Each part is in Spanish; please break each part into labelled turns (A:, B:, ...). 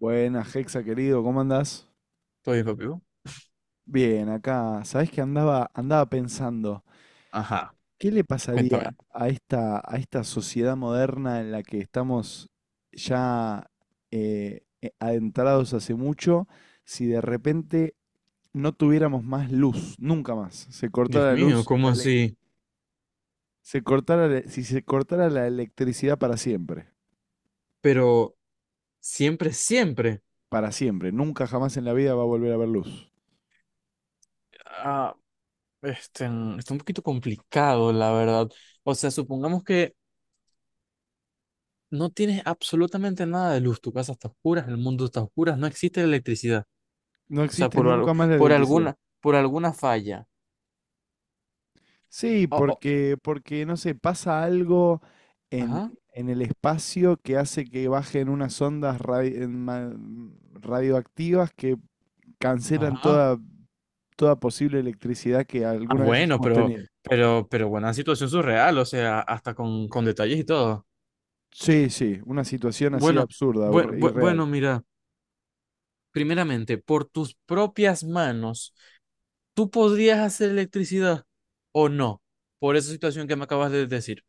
A: Buenas, Hexa querido, ¿cómo andás?
B: ¿Todavía lo vivo?
A: Bien, acá, ¿sabés que andaba pensando?
B: Ajá,
A: ¿Qué le pasaría
B: cuéntame.
A: a esta sociedad moderna en la que estamos ya adentrados hace mucho si de repente no tuviéramos más luz, nunca más? Se cortara
B: Dios
A: la
B: mío,
A: luz,
B: ¿cómo
A: la elec-
B: así?
A: se cortara, la- si se cortara la electricidad
B: Pero siempre, siempre.
A: para siempre, nunca jamás en la vida va a volver a haber luz.
B: Ah, está un poquito complicado, la verdad. O sea, supongamos que no tienes absolutamente nada de luz. Tu casa está oscura, el mundo está oscura, no existe la electricidad.
A: No
B: O sea,
A: existe
B: por algo,
A: nunca más la
B: por
A: electricidad.
B: alguna, por alguna falla.
A: Sí,
B: Oh, oh.
A: porque no sé, pasa algo en,
B: Ajá,
A: en el espacio que hace que bajen unas ondas radi- en ma- radioactivas que cancelan
B: ajá.
A: toda, toda posible electricidad que
B: Ah,
A: alguna vez
B: bueno,
A: hayamos
B: pero,
A: tenido.
B: pero, pero buena situación surreal, o sea, hasta con detalles y todo.
A: Sí, sí, una situación así
B: Bueno,
A: absurda,
B: bue- bue-
A: irreal.
B: bueno, mira. Primeramente, por tus propias manos, ¿tú podrías hacer electricidad o no? Por esa situación que me acabas de decir.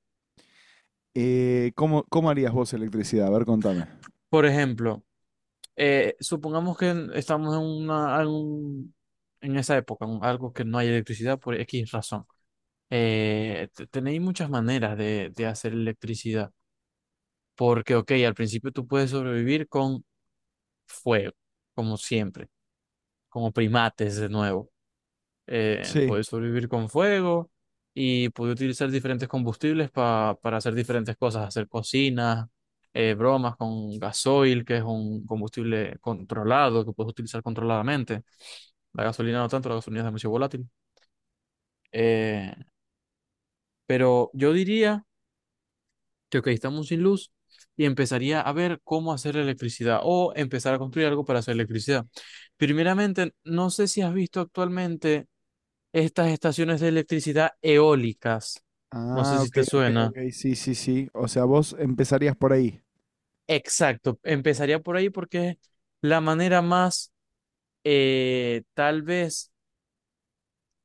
A: ¿Cómo harías vos electricidad? A ver, contame.
B: Por ejemplo, supongamos que estamos en esa época, en algo que no hay electricidad por X razón. Tenéis muchas maneras de hacer electricidad, porque, ok, al principio tú puedes sobrevivir con fuego, como siempre, como primates de nuevo.
A: Sí.
B: Puede sobrevivir con fuego y puede utilizar diferentes combustibles para hacer diferentes cosas, hacer cocinas, bromas con gasoil, que es un combustible controlado que puedes utilizar controladamente. La gasolina no tanto, la gasolina es demasiado volátil. Eh, pero yo diría que, ok, estamos sin luz y empezaría a ver cómo hacer electricidad o empezar a construir algo para hacer electricidad. Primeramente, no sé si has visto actualmente estas estaciones de electricidad eólicas. No sé
A: Ah,
B: si
A: ok,
B: te
A: ok,
B: suena.
A: ok, sí, sí, sí. O sea, vos empezarías por ahí.
B: Exacto, empezaría por ahí porque es la manera más tal vez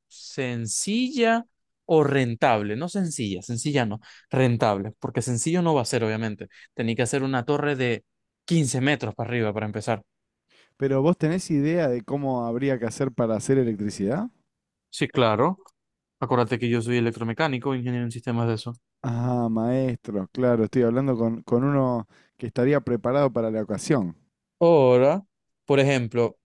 B: sencilla o rentable. No sencilla, sencilla no, rentable, porque sencillo no va a ser, obviamente. Tenía que hacer una torre de 15 metros para arriba para empezar.
A: Pero ¿vos tenés idea de cómo habría que hacer para hacer electricidad?
B: Sí, claro. Acuérdate que yo soy electromecánico, ingeniero en sistemas de eso.
A: Ah, maestro, claro, estoy hablando con uno que estaría preparado para la ocasión.
B: Ahora, por ejemplo,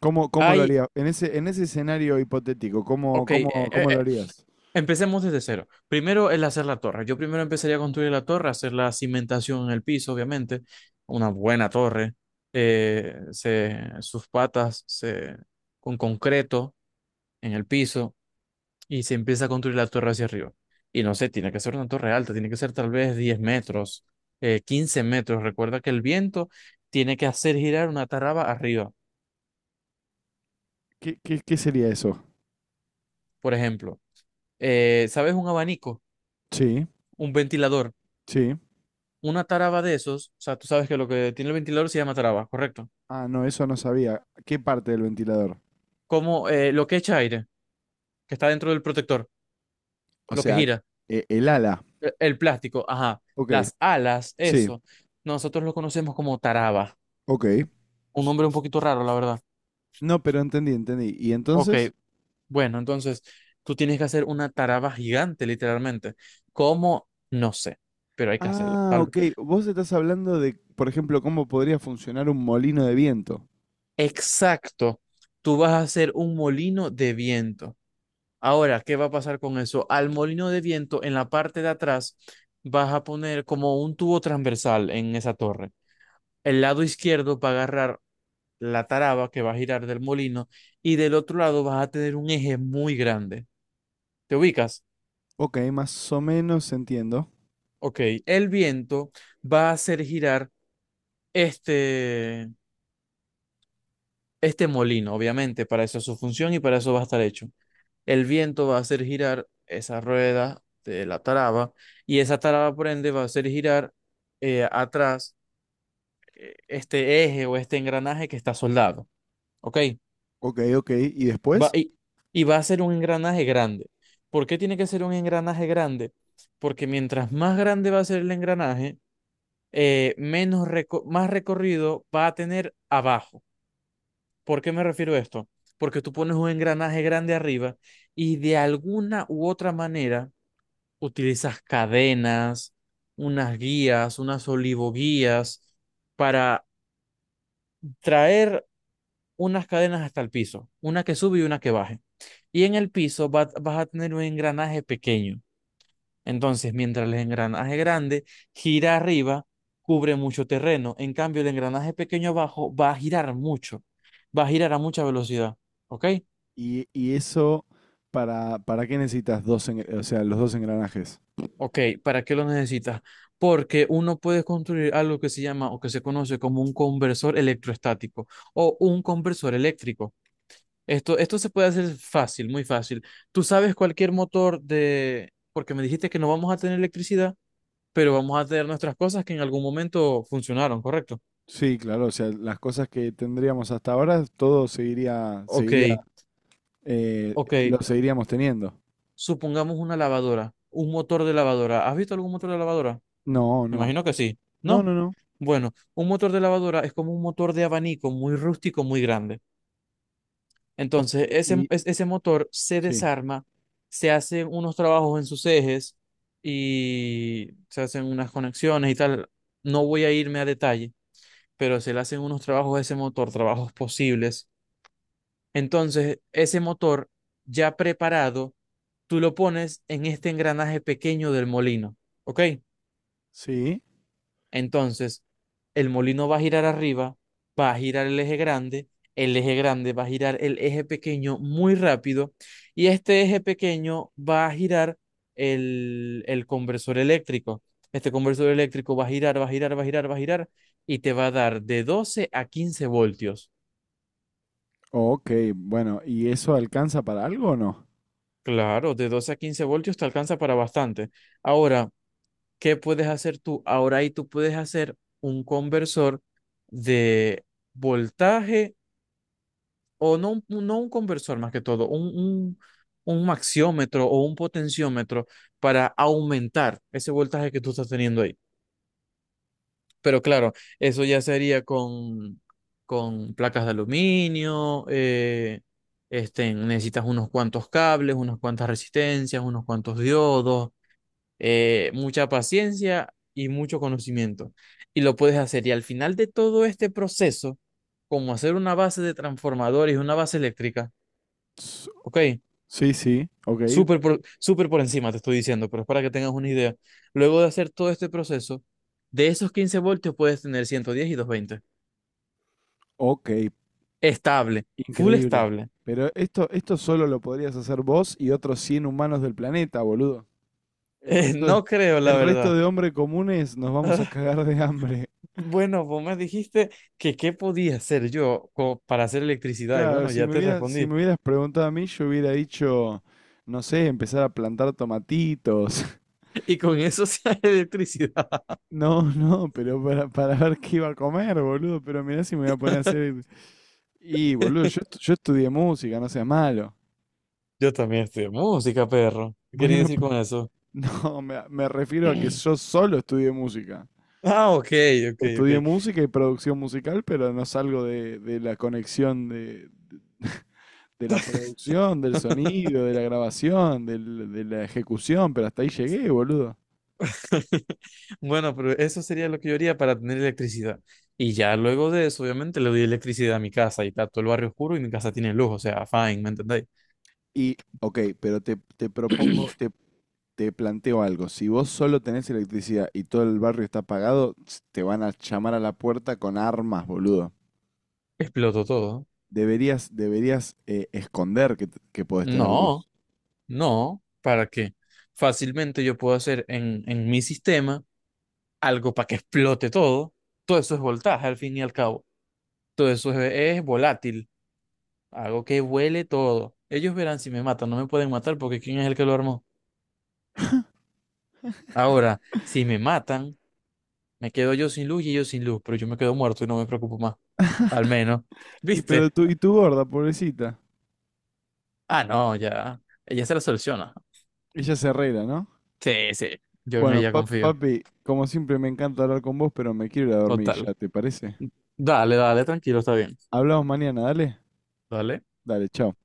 A: ¿Cómo lo
B: hay,
A: haría? En ese escenario hipotético, ¿cómo,
B: ok,
A: cómo, cómo
B: eh,
A: lo harías?
B: empecemos desde cero. Primero el hacer la torre. Yo primero empezaría a construir la torre, hacer la cimentación en el piso, obviamente. Una buena torre. Sus patas con concreto en el piso, y se empieza a construir la torre hacia arriba. Y no sé, tiene que ser una torre alta, tiene que ser tal vez 10 metros, 15 metros. Recuerda que el viento tiene que hacer girar una taraba arriba.
A: ¿Qué sería eso?
B: Por ejemplo, ¿sabes un abanico?
A: Sí,
B: Un ventilador,
A: sí.
B: una taraba de esos, o sea, tú sabes que lo que tiene el ventilador se llama taraba, ¿correcto?
A: Ah, no, eso no sabía. ¿Qué parte del ventilador?
B: Como lo que echa aire, que está dentro del protector,
A: O
B: lo que
A: sea,
B: gira,
A: el ala.
B: el plástico, ajá,
A: Ok,
B: las alas,
A: sí,
B: eso, nosotros lo conocemos como taraba,
A: ok.
B: un nombre un poquito raro, la verdad.
A: No, pero entendí, entendí. ¿Y
B: Ok,
A: entonces?
B: bueno, entonces tú tienes que hacer una taraba gigante, literalmente. ¿Cómo? No sé, pero hay que hacerlo.
A: Ah,
B: Tal...
A: ok. Vos estás hablando de, por ejemplo, cómo podría funcionar un molino de viento.
B: Exacto, tú vas a hacer un molino de viento. Ahora, ¿qué va a pasar con eso? Al molino de viento, en la parte de atrás, vas a poner como un tubo transversal en esa torre. El lado izquierdo va a agarrar la taraba que va a girar del molino, y del otro lado vas a tener un eje muy grande. ¿Te ubicas?
A: Ok, más o menos entiendo.
B: Ok, el viento va a hacer girar este, este molino, obviamente, para eso es su función y para eso va a estar hecho. El viento va a hacer girar esa rueda de la taraba y esa taraba por ende va a hacer girar atrás este eje o este engranaje que está soldado, ¿ok?
A: Ok, ok. ¿Y
B: Va,
A: después?
B: y, y va a ser un engranaje grande. ¿Por qué tiene que ser un engranaje grande? Porque mientras más grande va a ser el engranaje, más recorrido va a tener abajo. ¿Por qué me refiero a esto? Porque tú pones un engranaje grande arriba y de alguna u otra manera utilizas cadenas, unas guías, unas olivoguías para traer unas cadenas hasta el piso, una que sube y una que baje. Y en el piso vas a tener un engranaje pequeño. Entonces, mientras el engranaje grande gira arriba, cubre mucho terreno. En cambio, el engranaje pequeño abajo va a girar mucho, va a girar a mucha velocidad. ¿Ok?
A: Y eso para qué necesitas dos, o sea, los dos engranajes?
B: Ok, ¿para qué lo necesitas? Porque uno puede construir algo que se llama o que se conoce como un conversor electrostático o un conversor eléctrico. Esto se puede hacer fácil, muy fácil. Tú sabes cualquier motor de... Porque me dijiste que no vamos a tener electricidad, pero vamos a tener nuestras cosas que en algún momento funcionaron, ¿correcto?
A: Sí, claro, o sea, las cosas que tendríamos hasta ahora, todo seguiría,
B: Ok,
A: seguiría, eh,
B: ok.
A: lo seguiríamos teniendo.
B: Supongamos una lavadora, un motor de lavadora. ¿Has visto algún motor de lavadora?
A: No,
B: Me
A: no.
B: imagino que sí.
A: No,
B: ¿No?
A: no, no.
B: Bueno, un motor de lavadora es como un motor de abanico muy rústico, muy grande.
A: Ok,
B: Entonces,
A: y
B: ese motor se
A: sí.
B: desarma, se hacen unos trabajos en sus ejes y se hacen unas conexiones y tal. No voy a irme a detalle, pero se le hacen unos trabajos a ese motor, trabajos posibles. Entonces, ese motor ya preparado, tú lo pones en este engranaje pequeño del molino, ¿ok?
A: Sí.
B: Entonces, el molino va a girar arriba, va a girar el eje grande va a girar el eje pequeño muy rápido y este eje pequeño va a girar el conversor eléctrico. Este conversor eléctrico va a girar, va a girar, va a girar, va a girar, y te va a dar de 12 a 15 voltios.
A: Ok, bueno, ¿y eso alcanza para algo o no?
B: Claro, de 12 a 15 voltios te alcanza para bastante. Ahora, ¿qué puedes hacer tú? Ahora ahí tú puedes hacer un conversor de voltaje o no, no un conversor, más que todo un maxiómetro o un potenciómetro para aumentar ese voltaje que tú estás teniendo ahí. Pero claro, eso ya sería con, placas de aluminio, necesitas unos cuantos cables, unas cuantas resistencias, unos cuantos diodos, mucha paciencia y mucho conocimiento. Y lo puedes hacer. Y al final de todo este proceso, como hacer una base de transformadores, una base eléctrica,
A: S-
B: ¿ok?
A: Sí, sí, ok,
B: Súper por encima te estoy diciendo, pero es para que tengas una idea. Luego de hacer todo este proceso, de esos 15 voltios puedes tener 110 y 220.
A: ok,
B: Estable, full
A: increíble.
B: estable.
A: Pero esto solo lo podrías hacer vos y otros 100 humanos del planeta, boludo. El resto de,
B: No creo, la
A: el resto
B: verdad.
A: de hombres comunes nos vamos a cagar de hambre.
B: Bueno, vos me dijiste que qué podía hacer yo para hacer electricidad y
A: Claro,
B: bueno, ya te
A: si me
B: respondí.
A: hubieras preguntado a mí, yo hubiera dicho, no sé, empezar a plantar tomatitos.
B: Y con eso se hace electricidad.
A: No, no, pero para ver qué iba a comer, boludo. Pero mirá si me voy a poner a hacer. Y, boludo, yo, yo estudié música, no seas malo.
B: Yo también estudio música, perro. ¿Qué quería
A: Bueno,
B: decir con eso?
A: no, me refiero a que yo solo estudié música.
B: Ah, ok, ok, ok.
A: Estudié música y producción musical, pero no salgo de la conexión de la producción, del sonido, de la grabación, de la ejecución, pero hasta ahí llegué, boludo.
B: Bueno, pero eso sería lo que yo haría para tener electricidad. Y ya luego de eso, obviamente, le doy electricidad a mi casa y está todo el barrio oscuro y mi casa tiene luz, o sea, fine, ¿me entendéis?
A: Y, ok, pero te propongo, te planteo algo. Si vos solo tenés electricidad y todo el barrio está apagado, te van a llamar a la puerta con armas, boludo.
B: Exploto todo.
A: Deberías, deberías esconder que, que podés tener
B: No,
A: luz.
B: no, ¿para qué? Fácilmente yo puedo hacer en, mi sistema algo para que explote todo. Todo eso es voltaje, al fin y al cabo. Todo eso es volátil. Hago que vuele todo. Ellos verán si me matan, no me pueden matar porque ¿quién es el que lo armó? Ahora, si me matan... Me quedo yo sin luz y ellos sin luz, pero yo me quedo muerto y no me preocupo más. Al menos.
A: Y
B: ¿Viste?
A: pero tú y tu gorda, pobrecita.
B: Ah, no, ya. Ella se la soluciona.
A: Ella se arregla, ¿no?
B: Sí, sí. Yo en
A: Bueno,
B: ella confío.
A: papi, como siempre me encanta hablar con vos, pero me quiero ir a dormir
B: Total.
A: ya, ¿te parece?
B: Dale, dale, tranquilo, está bien.
A: Hablamos mañana, dale.
B: Dale.
A: Dale, chao.